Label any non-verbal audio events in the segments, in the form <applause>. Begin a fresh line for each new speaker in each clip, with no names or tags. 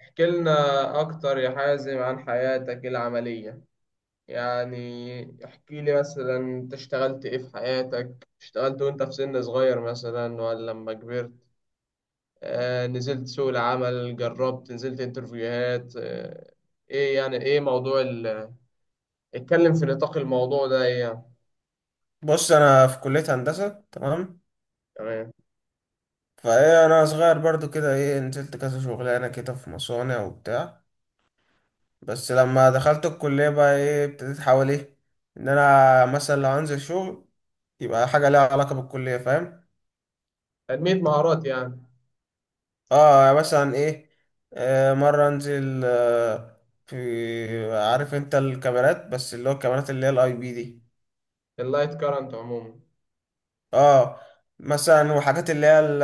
احكي لنا أكتر يا حازم عن حياتك العملية يعني احكي لي مثلا أنت اشتغلت إيه في حياتك، اشتغلت وأنت في سن صغير مثلا ولا لما كبرت؟ آه، نزلت سوق العمل، جربت، نزلت انترفيوهات. إيه موضوع اتكلم في نطاق الموضوع ده، إيه يعني؟
بص، انا في كلية هندسة تمام.
تمام.
فايه انا صغير برضو كده ايه نزلت كذا شغلانة كده في مصانع وبتاع. بس لما دخلت الكلية بقى ايه ابتديت احاول ايه ان انا مثلا لو هنزل شغل يبقى حاجة ليها علاقة بالكلية، فاهم.
تنمية مهارات يعني؟
اه يعني مثلا ايه. مرة انزل في، عارف انت الكاميرات، بس اللي هو الكاميرات اللي هي الاي بي دي.
اللايت كارنت عموما.
اه، مثلا وحاجات اللي هي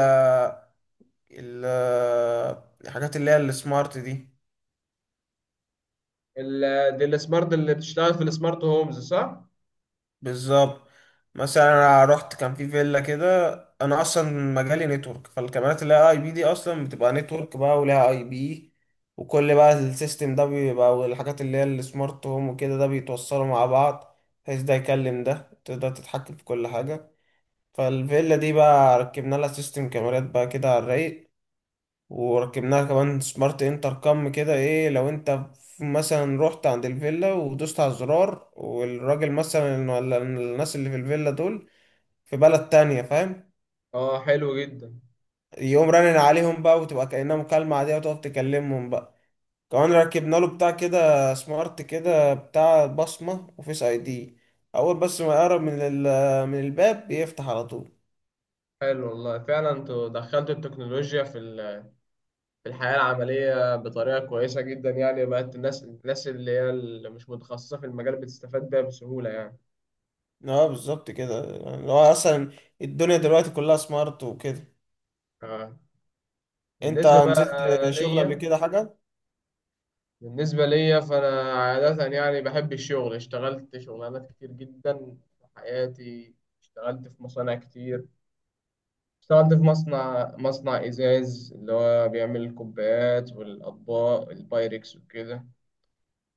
ال- الحاجات اللي هي السمارت دي.
ال... دي السمارت اللي بتشتغل في السمارت هومز صح؟
بالظبط. مثلا انا رحت كان في فيلا كده. انا اصلا مجالي نتورك، فالكاميرات اللي هي اي بي دي اصلا بتبقى نتورك بقى ولها اي بي، وكل بقى السيستم ده بيبقى، والحاجات اللي هي السمارت هوم وكده ده بيتوصلوا مع بعض، بحيث ده يكلم ده تقدر تتحكم في كل حاجة. فالفيلا دي بقى ركبنا لها سيستم كاميرات بقى كده على الرايق، وركبناها كمان سمارت انتر كام كده. ايه لو انت مثلا رحت عند الفيلا ودوست على الزرار، والراجل مثلا ولا الناس اللي في الفيلا دول في بلد تانية، فاهم،
اه، حلو جدا.
يقوم رنن عليهم بقى وتبقى كأنها مكالمة عادية وتقف تكلمهم بقى. كمان ركبنا له بتاع كده سمارت كده بتاع بصمة وفيس اي دي، اول بس ما يقرب من من الباب بيفتح على طول.
حلو والله، فعلا انتوا دخلتوا التكنولوجيا في في الحياة العملية بطريقة كويسة جدا، يعني بقت الناس اللي هي اللي مش متخصصة في المجال بتستفاد بيها بسهولة يعني.
اه بالظبط كده، يعني هو اصلا الدنيا دلوقتي كلها سمارت وكده.
آه.
انت
بالنسبة بقى
نزلت شغل قبل
ليا،
كده حاجة؟
بالنسبة ليا فأنا عادة يعني بحب الشغل، اشتغلت شغلانات كتير جدا في حياتي. اشتغلت في مصانع كتير، اشتغلت في مصنع إزاز اللي هو بيعمل الكوبايات والأطباق البايركس وكده.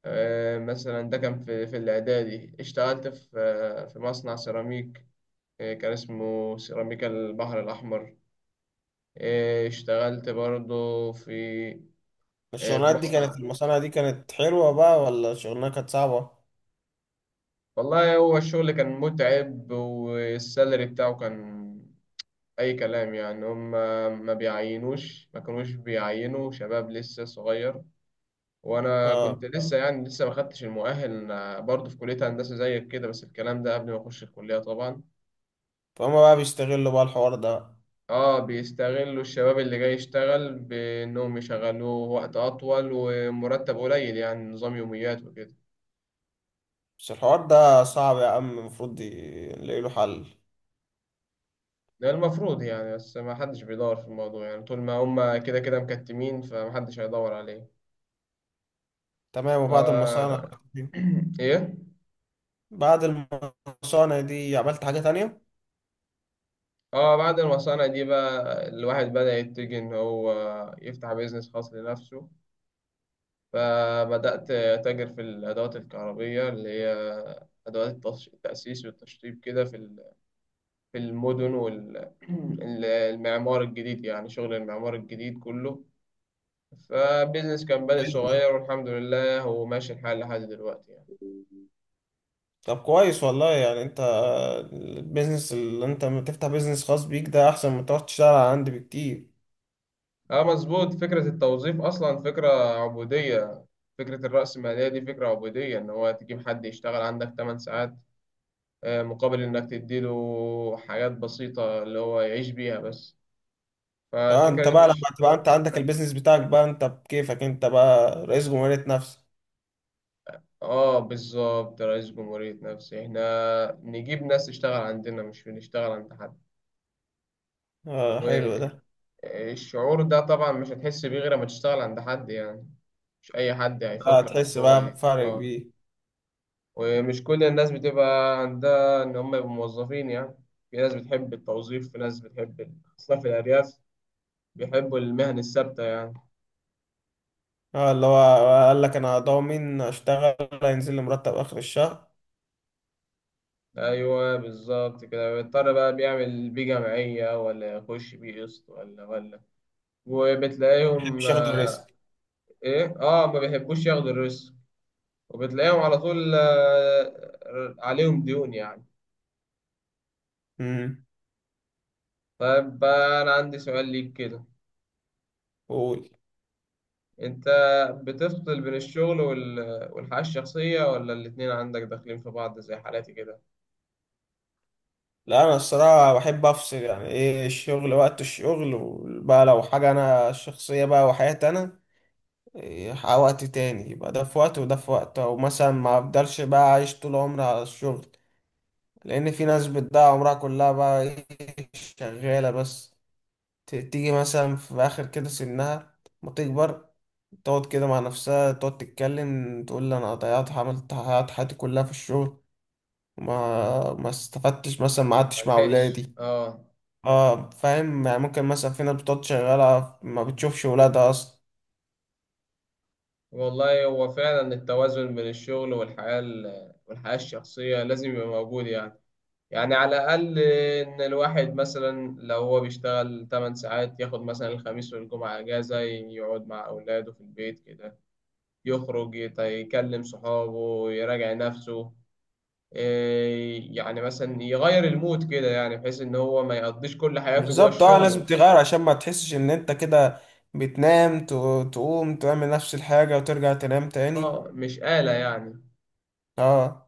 مثلا ده كان في الإعدادي، اشتغلت في مصنع سيراميك، كان اسمه سيراميكا البحر الأحمر. اشتغلت برضه في
الشغلانات دي كانت،
مصنع.
المصانع دي كانت حلوة بقى ولا الشغلانة كانت صعبة؟
والله هو الشغل كان متعب، والسالري بتاعه كان أي كلام يعني. هم ما كانوش بيعينوا شباب لسه صغير، وأنا كنت
اه،
لسه، يعني لسه ما خدتش المؤهل. أنا برضه في كلية هندسة زيك كده، بس الكلام ده قبل ما أخش الكلية طبعا.
فهم بقى بيستغلوا بقى الحوار ده.
اه، بيستغلوا الشباب اللي جاي يشتغل بانهم يشغلوه وقت اطول ومرتب قليل، يعني نظام يوميات وكده.
بس الحوار ده صعب يا عم، المفروض نلاقي له حل.
ده المفروض يعني، بس ما حدش بيدور في الموضوع يعني، طول ما هم كده كده مكتمين فما حدش هيدور عليه.
تمام.
ف
وبعد المصانع دي
<clears throat> ايه
بعد المصانع دي عملت حاجة تانية؟
اه، بعد المصانع دي بقى الواحد بدأ يتجه ان هو يفتح بيزنس خاص لنفسه. فبدأت أتاجر في الأدوات الكهربية اللي هي أدوات التأسيس والتشطيب كده في المدن والمعمار <clears throat> الجديد، يعني شغل المعمار الجديد كله. فبيزنس كان بادئ صغير، والحمد لله هو ماشي الحال لحد دلوقتي يعني.
طب كويس والله، يعني انت البيزنس اللي انت لما تفتح بيزنس خاص بيك ده احسن من تقعد تشتغل على عندي بكتير.
اه، مظبوط. فكرة التوظيف أصلا فكرة عبودية. فكرة الرأسمالية دي فكرة عبودية، إن هو تجيب حد يشتغل عندك 8 ساعات، مقابل إنك تديله حاجات بسيطة اللي هو يعيش بيها بس.
اه، انت
فالفكرة دي
بقى لما
مش...
تبقى انت عندك البيزنس بتاعك بقى، انت بكيفك، انت بقى رئيس جمهورية نفسك.
اه بالظبط، رئيس جمهورية نفسي. احنا نجيب ناس تشتغل عندنا، مش بنشتغل عند حد.
اه، حلو ده.
والشعور ده طبعا مش هتحس بيه غير لما تشتغل عند حد يعني. مش أي حد
اه
هيفكر إن
تحس
هو
بقى
إيه،
بفرق
أه.
كبير.
ومش كل الناس بتبقى عندها إن هم يبقوا موظفين يعني. في ناس بتحب التوظيف، في ناس بتحب خاصة في الأرياف، بيحبوا المهن الثابتة يعني.
اه اللي هو قال لك انا ضامن اشتغل هينزل لي مرتب اخر الشهر،
أيوه بالظبط كده، بيضطر بقى بيعمل بيه جمعية ولا يخش بيه قسط ولا وبتلاقيهم
مش ياخد
آه،
الريسك.
إيه أه، ما بيحبوش ياخدوا الريسك، وبتلاقيهم على طول آه، عليهم ديون يعني.
امم.
طيب بقى، أنا عندي سؤال ليك كده.
قول.
أنت بتفصل بين الشغل والحياة الشخصية، ولا الاتنين عندك داخلين في بعض زي حالاتي كده؟
لا انا الصراحه بحب افصل، يعني ايه الشغل وقت الشغل، وبقى لو حاجه انا شخصيه بقى وحياتي انا، إيه وقت تاني، يبقى ده في وقت وده في وقت، او مثلا ما افضلش بقى عايش طول عمري على الشغل. لان في ناس بتضيع عمرها كلها بقى ايه شغاله بس، تيجي مثلا في آخر كده سنها ما تكبر، تقعد كده مع نفسها تقعد تتكلم تقول لي أنا ضيعت، عملت، ضيعت حياتي كلها في الشغل، وما ما استفدتش، مثلا ما قعدتش مع
ملحقش،
ولادي.
آه.
اه فاهم، يعني ممكن مثلا في ناس بتقعد شغالة ما بتشوفش ولادها أصلا.
والله هو فعلا التوازن بين الشغل والحياة الشخصية لازم يبقى موجود يعني. يعني على الأقل إن الواحد مثلا لو هو بيشتغل 8 ساعات، ياخد مثلا الخميس والجمعة أجازة، يقعد مع أولاده في البيت كده، يخرج يكلم صحابه، يراجع نفسه، إيه، يعني مثلا يغير المود كده، يعني بحيث ان هو ما يقضيش كل حياته جوه
بالظبط، اه لازم
الشغل.
تغير عشان ما تحسش إن أنت كده بتنام، تقوم تعمل نفس الحاجة وترجع تنام تاني.
اه، مش آلة يعني.
اه.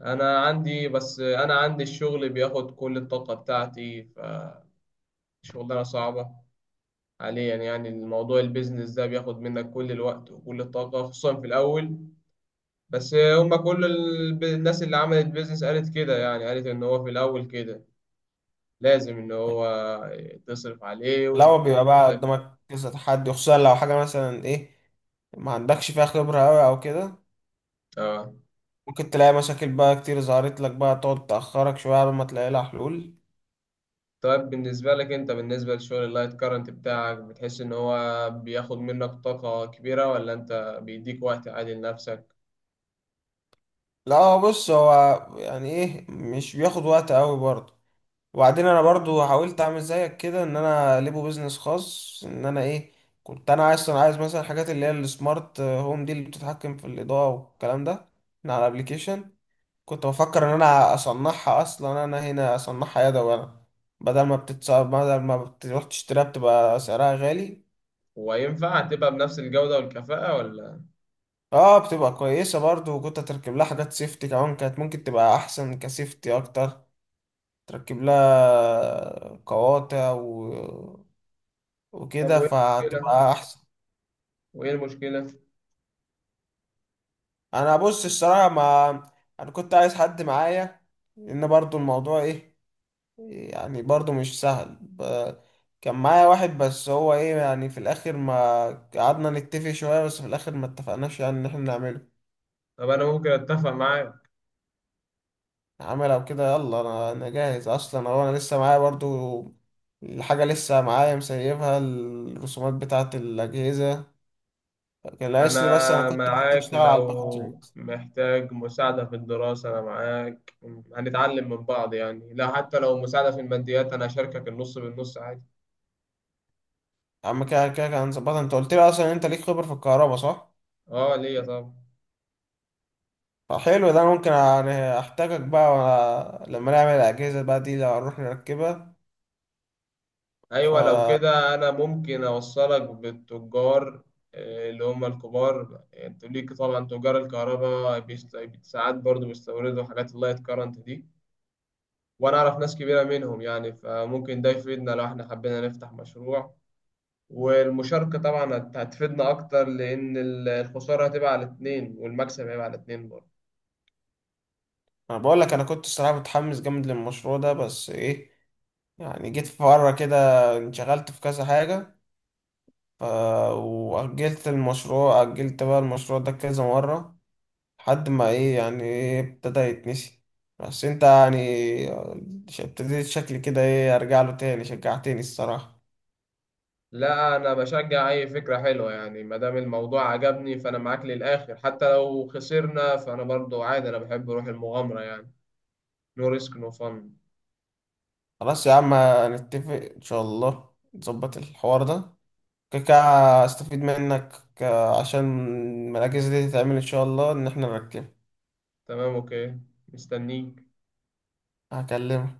انا عندي الشغل بياخد كل الطاقة بتاعتي، فشغلانة صعبة حاليا يعني. الموضوع البيزنس ده بياخد منك كل الوقت وكل الطاقة، خصوصا في الاول. بس هما كل الناس اللي عملت بيزنس قالت كده يعني، قالت ان هو في الاول كده لازم ان هو تصرف عليه
لا هو
وتديله
بيبقى بقى
وقتك.
قدامك كذا تحدي، خصوصا لو حاجة مثلا ايه ما عندكش فيها خبرة أوي أو كده،
اه.
ممكن تلاقي مشاكل بقى كتير ظهرت لك بقى تقعد تأخرك شوية على ما تلاقي لها حلول.
طيب بالنسبة لك انت، بالنسبة لشغل اللايت كارنت بتاعك، بتحس ان هو بياخد منك طاقة كبيرة، ولا انت بيديك وقت عادي لنفسك؟
لا هو بص، هو يعني ايه مش بياخد وقت أوي برضه، وبعدين أنا برضه حاولت أعمل زيك كده إن أنا ليبو بيزنس خاص، إن أنا ايه كنت أنا عايز مثلا الحاجات اللي هي السمارت هوم دي اللي بتتحكم في الإضاءة والكلام ده من على الأبليكيشن. كنت بفكر ان انا اصنعها، اصلا انا هنا اصنعها يدوي انا، بدل ما بتتصاب بدل ما بتروح تشتريها بتبقى سعرها غالي.
وينفع تبقى بنفس الجودة والكفاءة ولا؟
اه بتبقى كويسة برضو، وكنت تركب لها حاجات سيفتي كمان، كانت ممكن تبقى احسن كسيفتي اكتر، تركب لها قواطع
طب
وكده،
وايه المشكلة؟
فهتبقى احسن.
وايه المشكلة؟
انا بص الصراحة، ما انا كنت عايز حد معايا، لان برضو الموضوع ايه، يعني برضو مش سهل كان معايا واحد، بس هو ايه يعني في الاخر ما قعدنا نتفق شوية، بس في الاخر ما اتفقناش يعني ان احنا نعمله
طب انا ممكن اتفق معاك.
عمل او كده. يلا انا جاهز اصلا، هو انا لسه معايا برضو الحاجة، لسه معايا مسيبها، الرسومات بتاعة الاجهزة كان ناقص لي، بس انا
انا
كنت عايز
معاك،
اشتغل على الباكجينج.
لو محتاج مساعدة في الدراسة انا معاك، هنتعلم من بعض يعني. لا حتى لو مساعدة في الماديات انا اشاركك النص بالنص عادي.
اما كده كده كان ظبطها. انت قلت لي اصلا انت ليك خبرة في الكهرباء، صح؟
اه ليا طبعا.
فحلو ده، أنا ممكن يعني احتاجك بقى، لما نعمل الاجهزة بقى دي لو هنروح نركبها. ف
ايوه لو كده انا ممكن اوصلك بالتجار، آه، اللي هم الكبار يعني. انت ليك طبعا تجار الكهرباء ساعات برضو بيستوردوا حاجات اللايت كارنت دي، وانا اعرف ناس كبيره منهم يعني، فممكن ده يفيدنا لو احنا حبينا نفتح مشروع. والمشاركه طبعا هتفيدنا اكتر، لان الخساره هتبقى على اتنين والمكسب هيبقى على اتنين برضه.
انا بقول لك انا كنت الصراحه متحمس جامد للمشروع ده، بس ايه يعني جيت في مره كده انشغلت في كذا حاجه، ف واجلت المشروع، اجلت بقى المشروع ده كذا مره، لحد ما ايه يعني ايه ابتدى يتنسي. بس انت يعني ابتديت شكلي كده ايه ارجع له تاني، شجعتني الصراحه.
لا انا بشجع اي فكره حلوه يعني، ما دام الموضوع عجبني فانا معاك للاخر، حتى لو خسرنا فانا برضو عادي، انا بحب روح المغامره يعني. نو ريسك نو فن.
خلاص يا عم، هنتفق ان شاء الله نظبط الحوار ده كده، استفيد منك، عشان المراكز دي تتعمل ان شاء الله ان احنا نركب.
تمام، اوكي. مستنيك.
هكلمك.